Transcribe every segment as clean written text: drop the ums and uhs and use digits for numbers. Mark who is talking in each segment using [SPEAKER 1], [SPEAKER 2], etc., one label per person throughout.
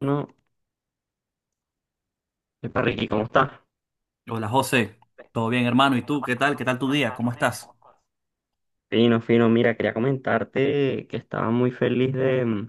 [SPEAKER 1] No, epa Ricky, ¿cómo está?
[SPEAKER 2] Hola José, ¿todo bien hermano? ¿Y tú? ¿Qué tal? ¿Qué tal tu día? ¿Cómo estás?
[SPEAKER 1] Fino, fino, mira, quería comentarte que estaba muy feliz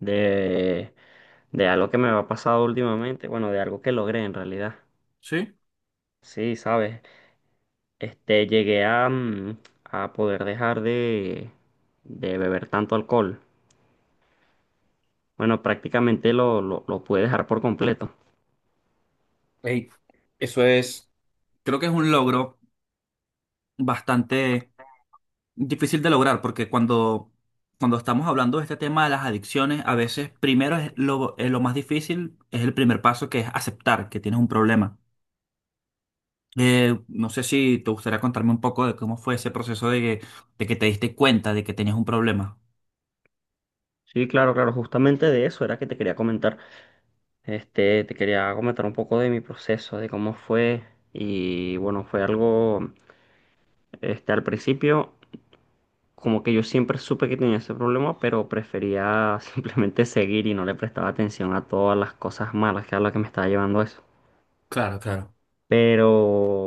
[SPEAKER 1] de, de algo que me ha pasado últimamente, bueno, de algo que logré en realidad.
[SPEAKER 2] Sí.
[SPEAKER 1] Sí, sabes, llegué a, a poder dejar de beber tanto alcohol. Bueno, prácticamente lo pude dejar por completo.
[SPEAKER 2] Ey, eso es, creo que es un logro bastante difícil de lograr porque cuando estamos hablando de este tema de las adicciones, a veces primero es lo más difícil, es el primer paso que es aceptar que tienes un problema. No sé si te gustaría contarme un poco de cómo fue ese proceso de que te diste cuenta de que tenías un problema.
[SPEAKER 1] Sí, claro, claro, justamente de eso era que te quería comentar. Te quería comentar un poco de mi proceso, de cómo fue. Y bueno, fue algo, al principio, como que yo siempre supe que tenía ese problema, pero prefería simplemente seguir y no le prestaba atención a todas las cosas malas que a las que me estaba llevando eso.
[SPEAKER 2] Claro, claro.
[SPEAKER 1] Pero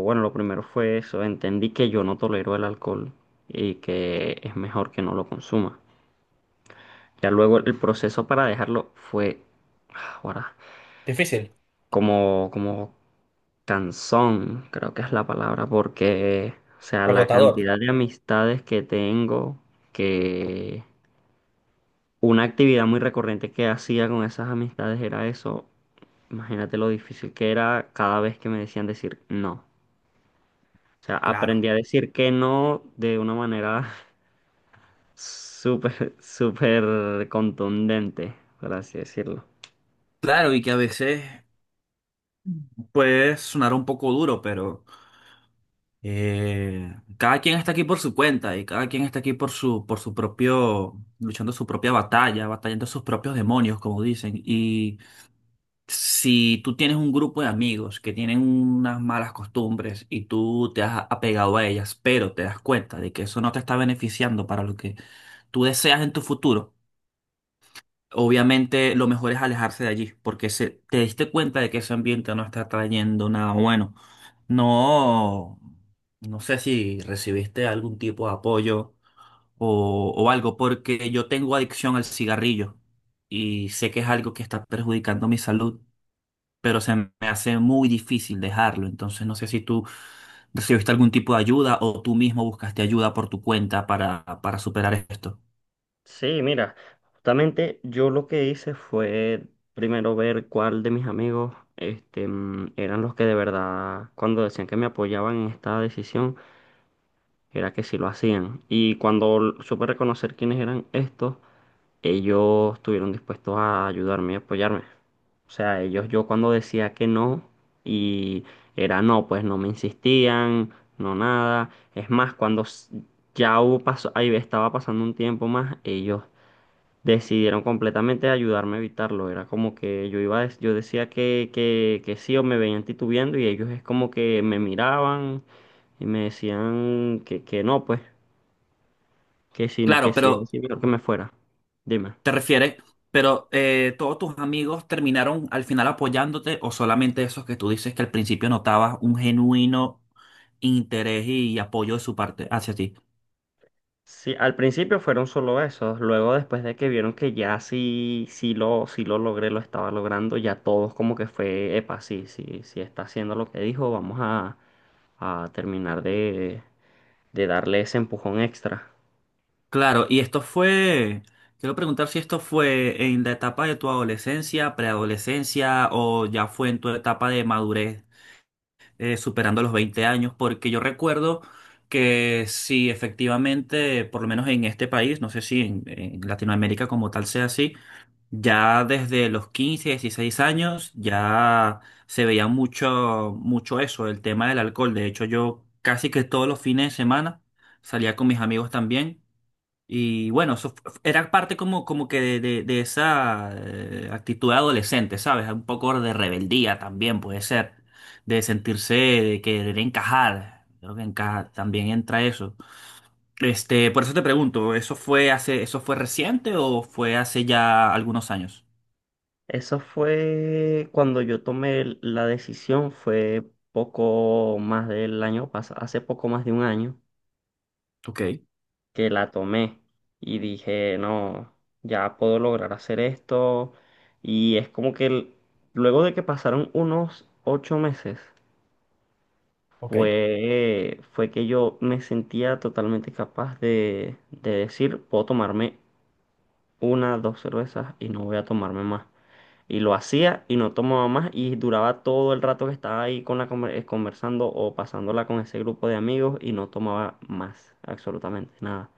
[SPEAKER 1] bueno, lo primero fue eso, entendí que yo no tolero el alcohol y que es mejor que no lo consuma. Ya luego el proceso para dejarlo fue, ahora,
[SPEAKER 2] Difícil,
[SPEAKER 1] como Canzón, creo que es la palabra, porque, o sea, la
[SPEAKER 2] agotador.
[SPEAKER 1] cantidad de amistades que tengo, que una actividad muy recurrente que hacía con esas amistades era eso. Imagínate lo difícil que era cada vez que me decían decir no. O sea,
[SPEAKER 2] Claro.
[SPEAKER 1] aprendí a decir que no de una manera súper, súper contundente, por así decirlo.
[SPEAKER 2] Claro, y que a veces puede sonar un poco duro, pero cada quien está aquí por su cuenta y cada quien está aquí por por su propio, luchando su propia batalla, batallando sus propios demonios, como dicen. Y si tú tienes un grupo de amigos que tienen unas malas costumbres y tú te has apegado a ellas, pero te das cuenta de que eso no te está beneficiando para lo que tú deseas en tu futuro, obviamente lo mejor es alejarse de allí, porque se, te diste cuenta de que ese ambiente no está trayendo nada bueno. No, no sé si recibiste algún tipo de apoyo o algo, porque yo tengo adicción al cigarrillo y sé que es algo que está perjudicando mi salud, pero se me hace muy difícil dejarlo. Entonces no sé si tú recibiste algún tipo de ayuda o tú mismo buscaste ayuda por tu cuenta para superar esto.
[SPEAKER 1] Sí, mira, justamente yo lo que hice fue primero ver cuál de mis amigos eran los que de verdad, cuando decían que me apoyaban en esta decisión, era que sí lo hacían. Y cuando supe reconocer quiénes eran estos, ellos estuvieron dispuestos a ayudarme y apoyarme. O sea, ellos yo cuando decía que no y era no, pues no me insistían, no nada. Es más, cuando ya hubo paso, ahí estaba pasando un tiempo más, ellos decidieron completamente ayudarme a evitarlo. Era como que yo iba, yo decía que sí o me veían titubeando y ellos es como que me miraban y me decían que no, pues, que
[SPEAKER 2] Claro,
[SPEAKER 1] si
[SPEAKER 2] pero
[SPEAKER 1] es mejor que me fuera. Dime.
[SPEAKER 2] te refieres, pero todos tus amigos terminaron al final apoyándote o solamente esos que tú dices que al principio notabas un genuino interés y apoyo de su parte hacia ti.
[SPEAKER 1] Sí, al principio fueron solo esos, luego después de que vieron que ya sí, sí lo logré, lo estaba logrando, ya todos como que fue, epa, sí, sí, sí está haciendo lo que dijo, a terminar de darle ese empujón extra.
[SPEAKER 2] Claro, y esto fue, quiero preguntar si esto fue en la etapa de tu adolescencia, preadolescencia o ya fue en tu etapa de madurez, superando los 20 años, porque yo recuerdo que sí, efectivamente, por lo menos en este país, no sé si en Latinoamérica como tal sea así, ya desde los 15, 16 años ya se veía mucho, mucho eso, el tema del alcohol. De hecho, yo casi que todos los fines de semana salía con mis amigos también. Y bueno, era parte como, como que de esa actitud de adolescente, ¿sabes? Un poco de rebeldía también puede ser, de sentirse, de querer encajar. Creo que encaja, también entra eso. Por eso te pregunto, ¿eso fue hace, eso fue reciente o fue hace ya algunos años?
[SPEAKER 1] Eso fue cuando yo tomé la decisión, fue poco más del año pasado, hace poco más de un año
[SPEAKER 2] Ok.
[SPEAKER 1] que la tomé y dije, no, ya puedo lograr hacer esto. Y es como que luego de que pasaron unos 8 meses,
[SPEAKER 2] ¿Ok?
[SPEAKER 1] fue, fue que yo me sentía totalmente capaz de decir, puedo tomarme una, dos cervezas y no voy a tomarme más. Y lo hacía y no tomaba más y duraba todo el rato que estaba ahí con la conversando o pasándola con ese grupo de amigos y no tomaba más, absolutamente nada.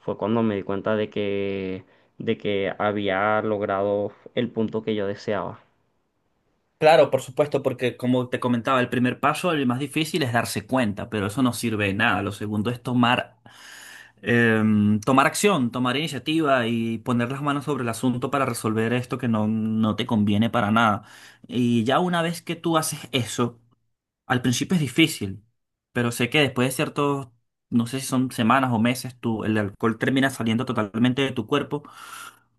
[SPEAKER 1] Fue cuando me di cuenta de que había logrado el punto que yo deseaba.
[SPEAKER 2] Claro, por supuesto, porque como te comentaba, el primer paso, el más difícil, es darse cuenta, pero eso no sirve de nada. Lo segundo es tomar, tomar acción, tomar iniciativa y poner las manos sobre el asunto para resolver esto que no, no te conviene para nada. Y ya una vez que tú haces eso, al principio es difícil, pero sé que después de ciertos, no sé si son semanas o meses, tú, el alcohol termina saliendo totalmente de tu cuerpo.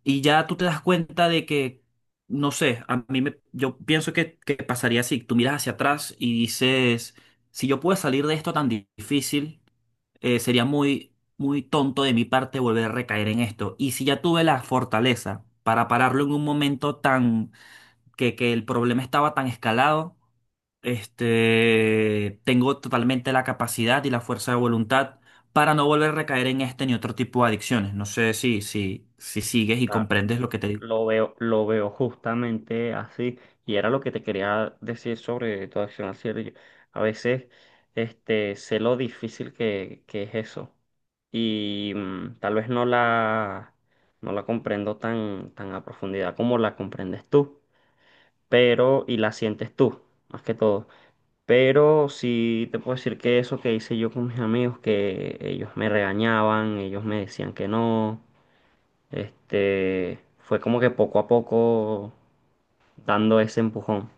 [SPEAKER 2] Y ya tú te das cuenta de que, no sé, a mí me, yo pienso que pasaría así, tú miras hacia atrás y dices, si yo puedo salir de esto tan difícil, sería muy, muy tonto de mi parte volver a recaer en esto. Y si ya tuve la fortaleza para pararlo en un momento tan, que el problema estaba tan escalado, tengo totalmente la capacidad y la fuerza de voluntad para no volver a recaer en este ni otro tipo de adicciones. No sé si sigues y comprendes lo que te digo.
[SPEAKER 1] Lo veo justamente así. Y era lo que te quería decir sobre tu acción al cielo. Yo a veces sé lo difícil que es eso. Y tal vez no la comprendo tan, tan a profundidad como la comprendes tú. Pero, y la sientes tú, más que todo. Pero sí te puedo decir que eso que hice yo con mis amigos, que ellos me regañaban, ellos me decían que no. Fue como que poco a poco dando ese empujón.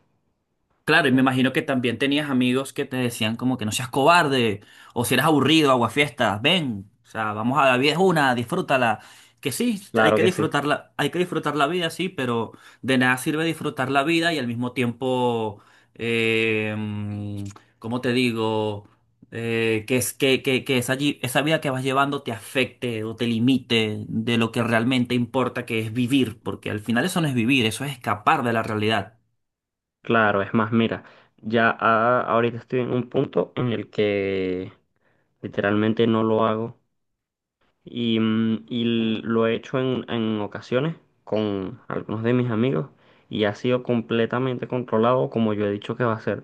[SPEAKER 2] Claro, y me
[SPEAKER 1] Eh,
[SPEAKER 2] imagino que también tenías amigos que te decían como que no seas cobarde, o si eres aburrido, aguafiestas, ven, o sea, vamos, a la vida es una, disfrútala. Que sí, hay
[SPEAKER 1] Claro
[SPEAKER 2] que
[SPEAKER 1] que sí,
[SPEAKER 2] disfrutarla, hay que disfrutar la vida, sí, pero de nada sirve disfrutar la vida y al mismo tiempo, eh, mm, ¿cómo te digo? Que esa, esa vida que vas llevando te afecte o te limite de lo que realmente importa, que es vivir, porque al final eso no es vivir, eso es escapar de la realidad.
[SPEAKER 1] claro, es más, mira, ya ahorita estoy en un punto en el que literalmente no lo hago y, y lo he hecho en ocasiones con algunos de mis amigos y ha sido completamente controlado como yo he dicho que va a ser.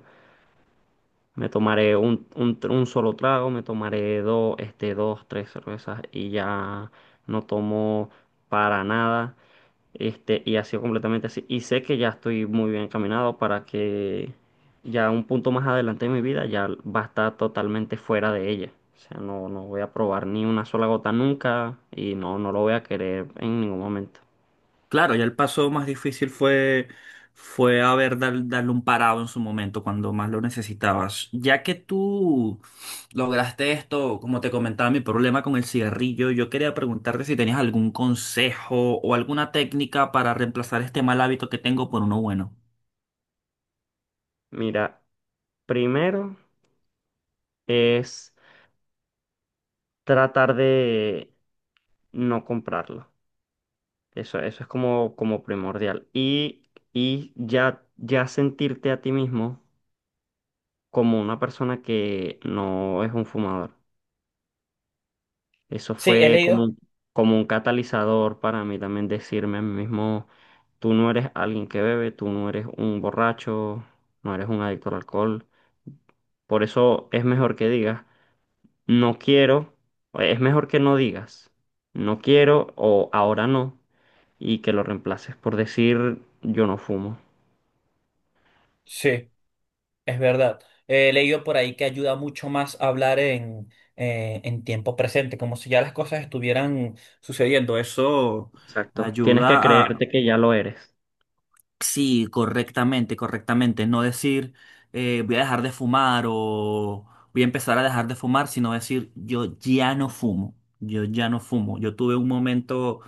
[SPEAKER 1] Me tomaré un solo trago, me tomaré dos, dos, tres cervezas y ya no tomo para nada. Y ha sido completamente así. Y sé que ya estoy muy bien encaminado para que ya un punto más adelante de mi vida ya va a estar totalmente fuera de ella. O sea, no, no voy a probar ni una sola gota nunca y no, no lo voy a querer en ningún momento.
[SPEAKER 2] Claro, ya el paso más difícil fue, fue haber darle un parado en su momento, cuando más lo necesitabas. Ya que tú lograste esto, como te comentaba, mi problema con el cigarrillo, yo quería preguntarte si tenías algún consejo o alguna técnica para reemplazar este mal hábito que tengo por uno bueno.
[SPEAKER 1] Mira, primero es tratar de no comprarlo. Eso es como, como primordial. Y ya, ya sentirte a ti mismo como una persona que no es un fumador. Eso
[SPEAKER 2] Sí, he
[SPEAKER 1] fue
[SPEAKER 2] leído.
[SPEAKER 1] como un catalizador para mí también decirme a mí mismo, tú no eres alguien que bebe, tú no eres un borracho, no eres un adicto al alcohol. Por eso es mejor que digas, no quiero, o es mejor que no digas, no quiero o ahora no, y que lo reemplaces por decir, yo no fumo.
[SPEAKER 2] Sí, es verdad. He leído por ahí que ayuda mucho más a hablar en tiempo presente, como si ya las cosas estuvieran sucediendo. Eso
[SPEAKER 1] Exacto. Tienes que
[SPEAKER 2] ayuda a,
[SPEAKER 1] creerte que ya lo eres.
[SPEAKER 2] sí, correctamente, correctamente. No decir voy a dejar de fumar o voy a empezar a dejar de fumar, sino decir yo ya no fumo, yo ya no fumo. Yo tuve un momento,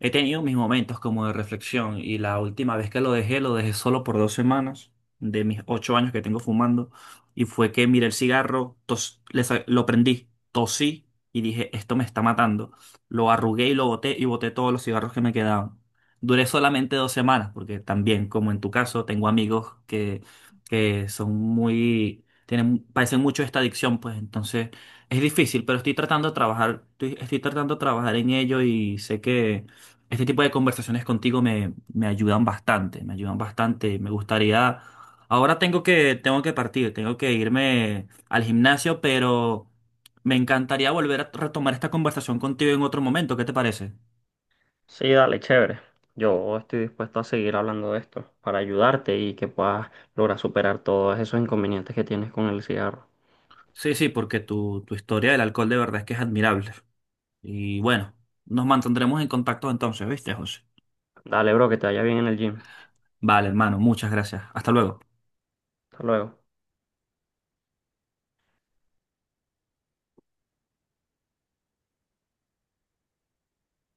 [SPEAKER 2] he tenido mis momentos como de reflexión y la última vez que lo dejé solo por 2 semanas de mis 8 años que tengo fumando y fue que miré el cigarro, lo prendí, tosí y dije, esto me está matando. Lo arrugué y lo boté y boté todos los cigarros que me quedaban. Duré solamente 2 semanas, porque también, como en tu caso, tengo amigos que son muy, tienen, padecen mucho esta adicción, pues entonces es difícil, pero estoy tratando de trabajar, estoy tratando de trabajar en ello y sé que este tipo de conversaciones contigo me ayudan bastante, me ayudan bastante. Me gustaría, ahora tengo que partir, tengo que irme al gimnasio, pero me encantaría volver a retomar esta conversación contigo en otro momento, ¿qué te parece?
[SPEAKER 1] Sí, dale, chévere. Yo estoy dispuesto a seguir hablando de esto para ayudarte y que puedas lograr superar todos esos inconvenientes que tienes con el cigarro.
[SPEAKER 2] Sí, sí, porque tu historia del alcohol de verdad es que es admirable. Y bueno, nos mantendremos en contacto entonces, ¿viste, José?
[SPEAKER 1] Dale, bro, que te vaya bien en el gym.
[SPEAKER 2] Vale, hermano, muchas gracias. Hasta luego.
[SPEAKER 1] Hasta luego.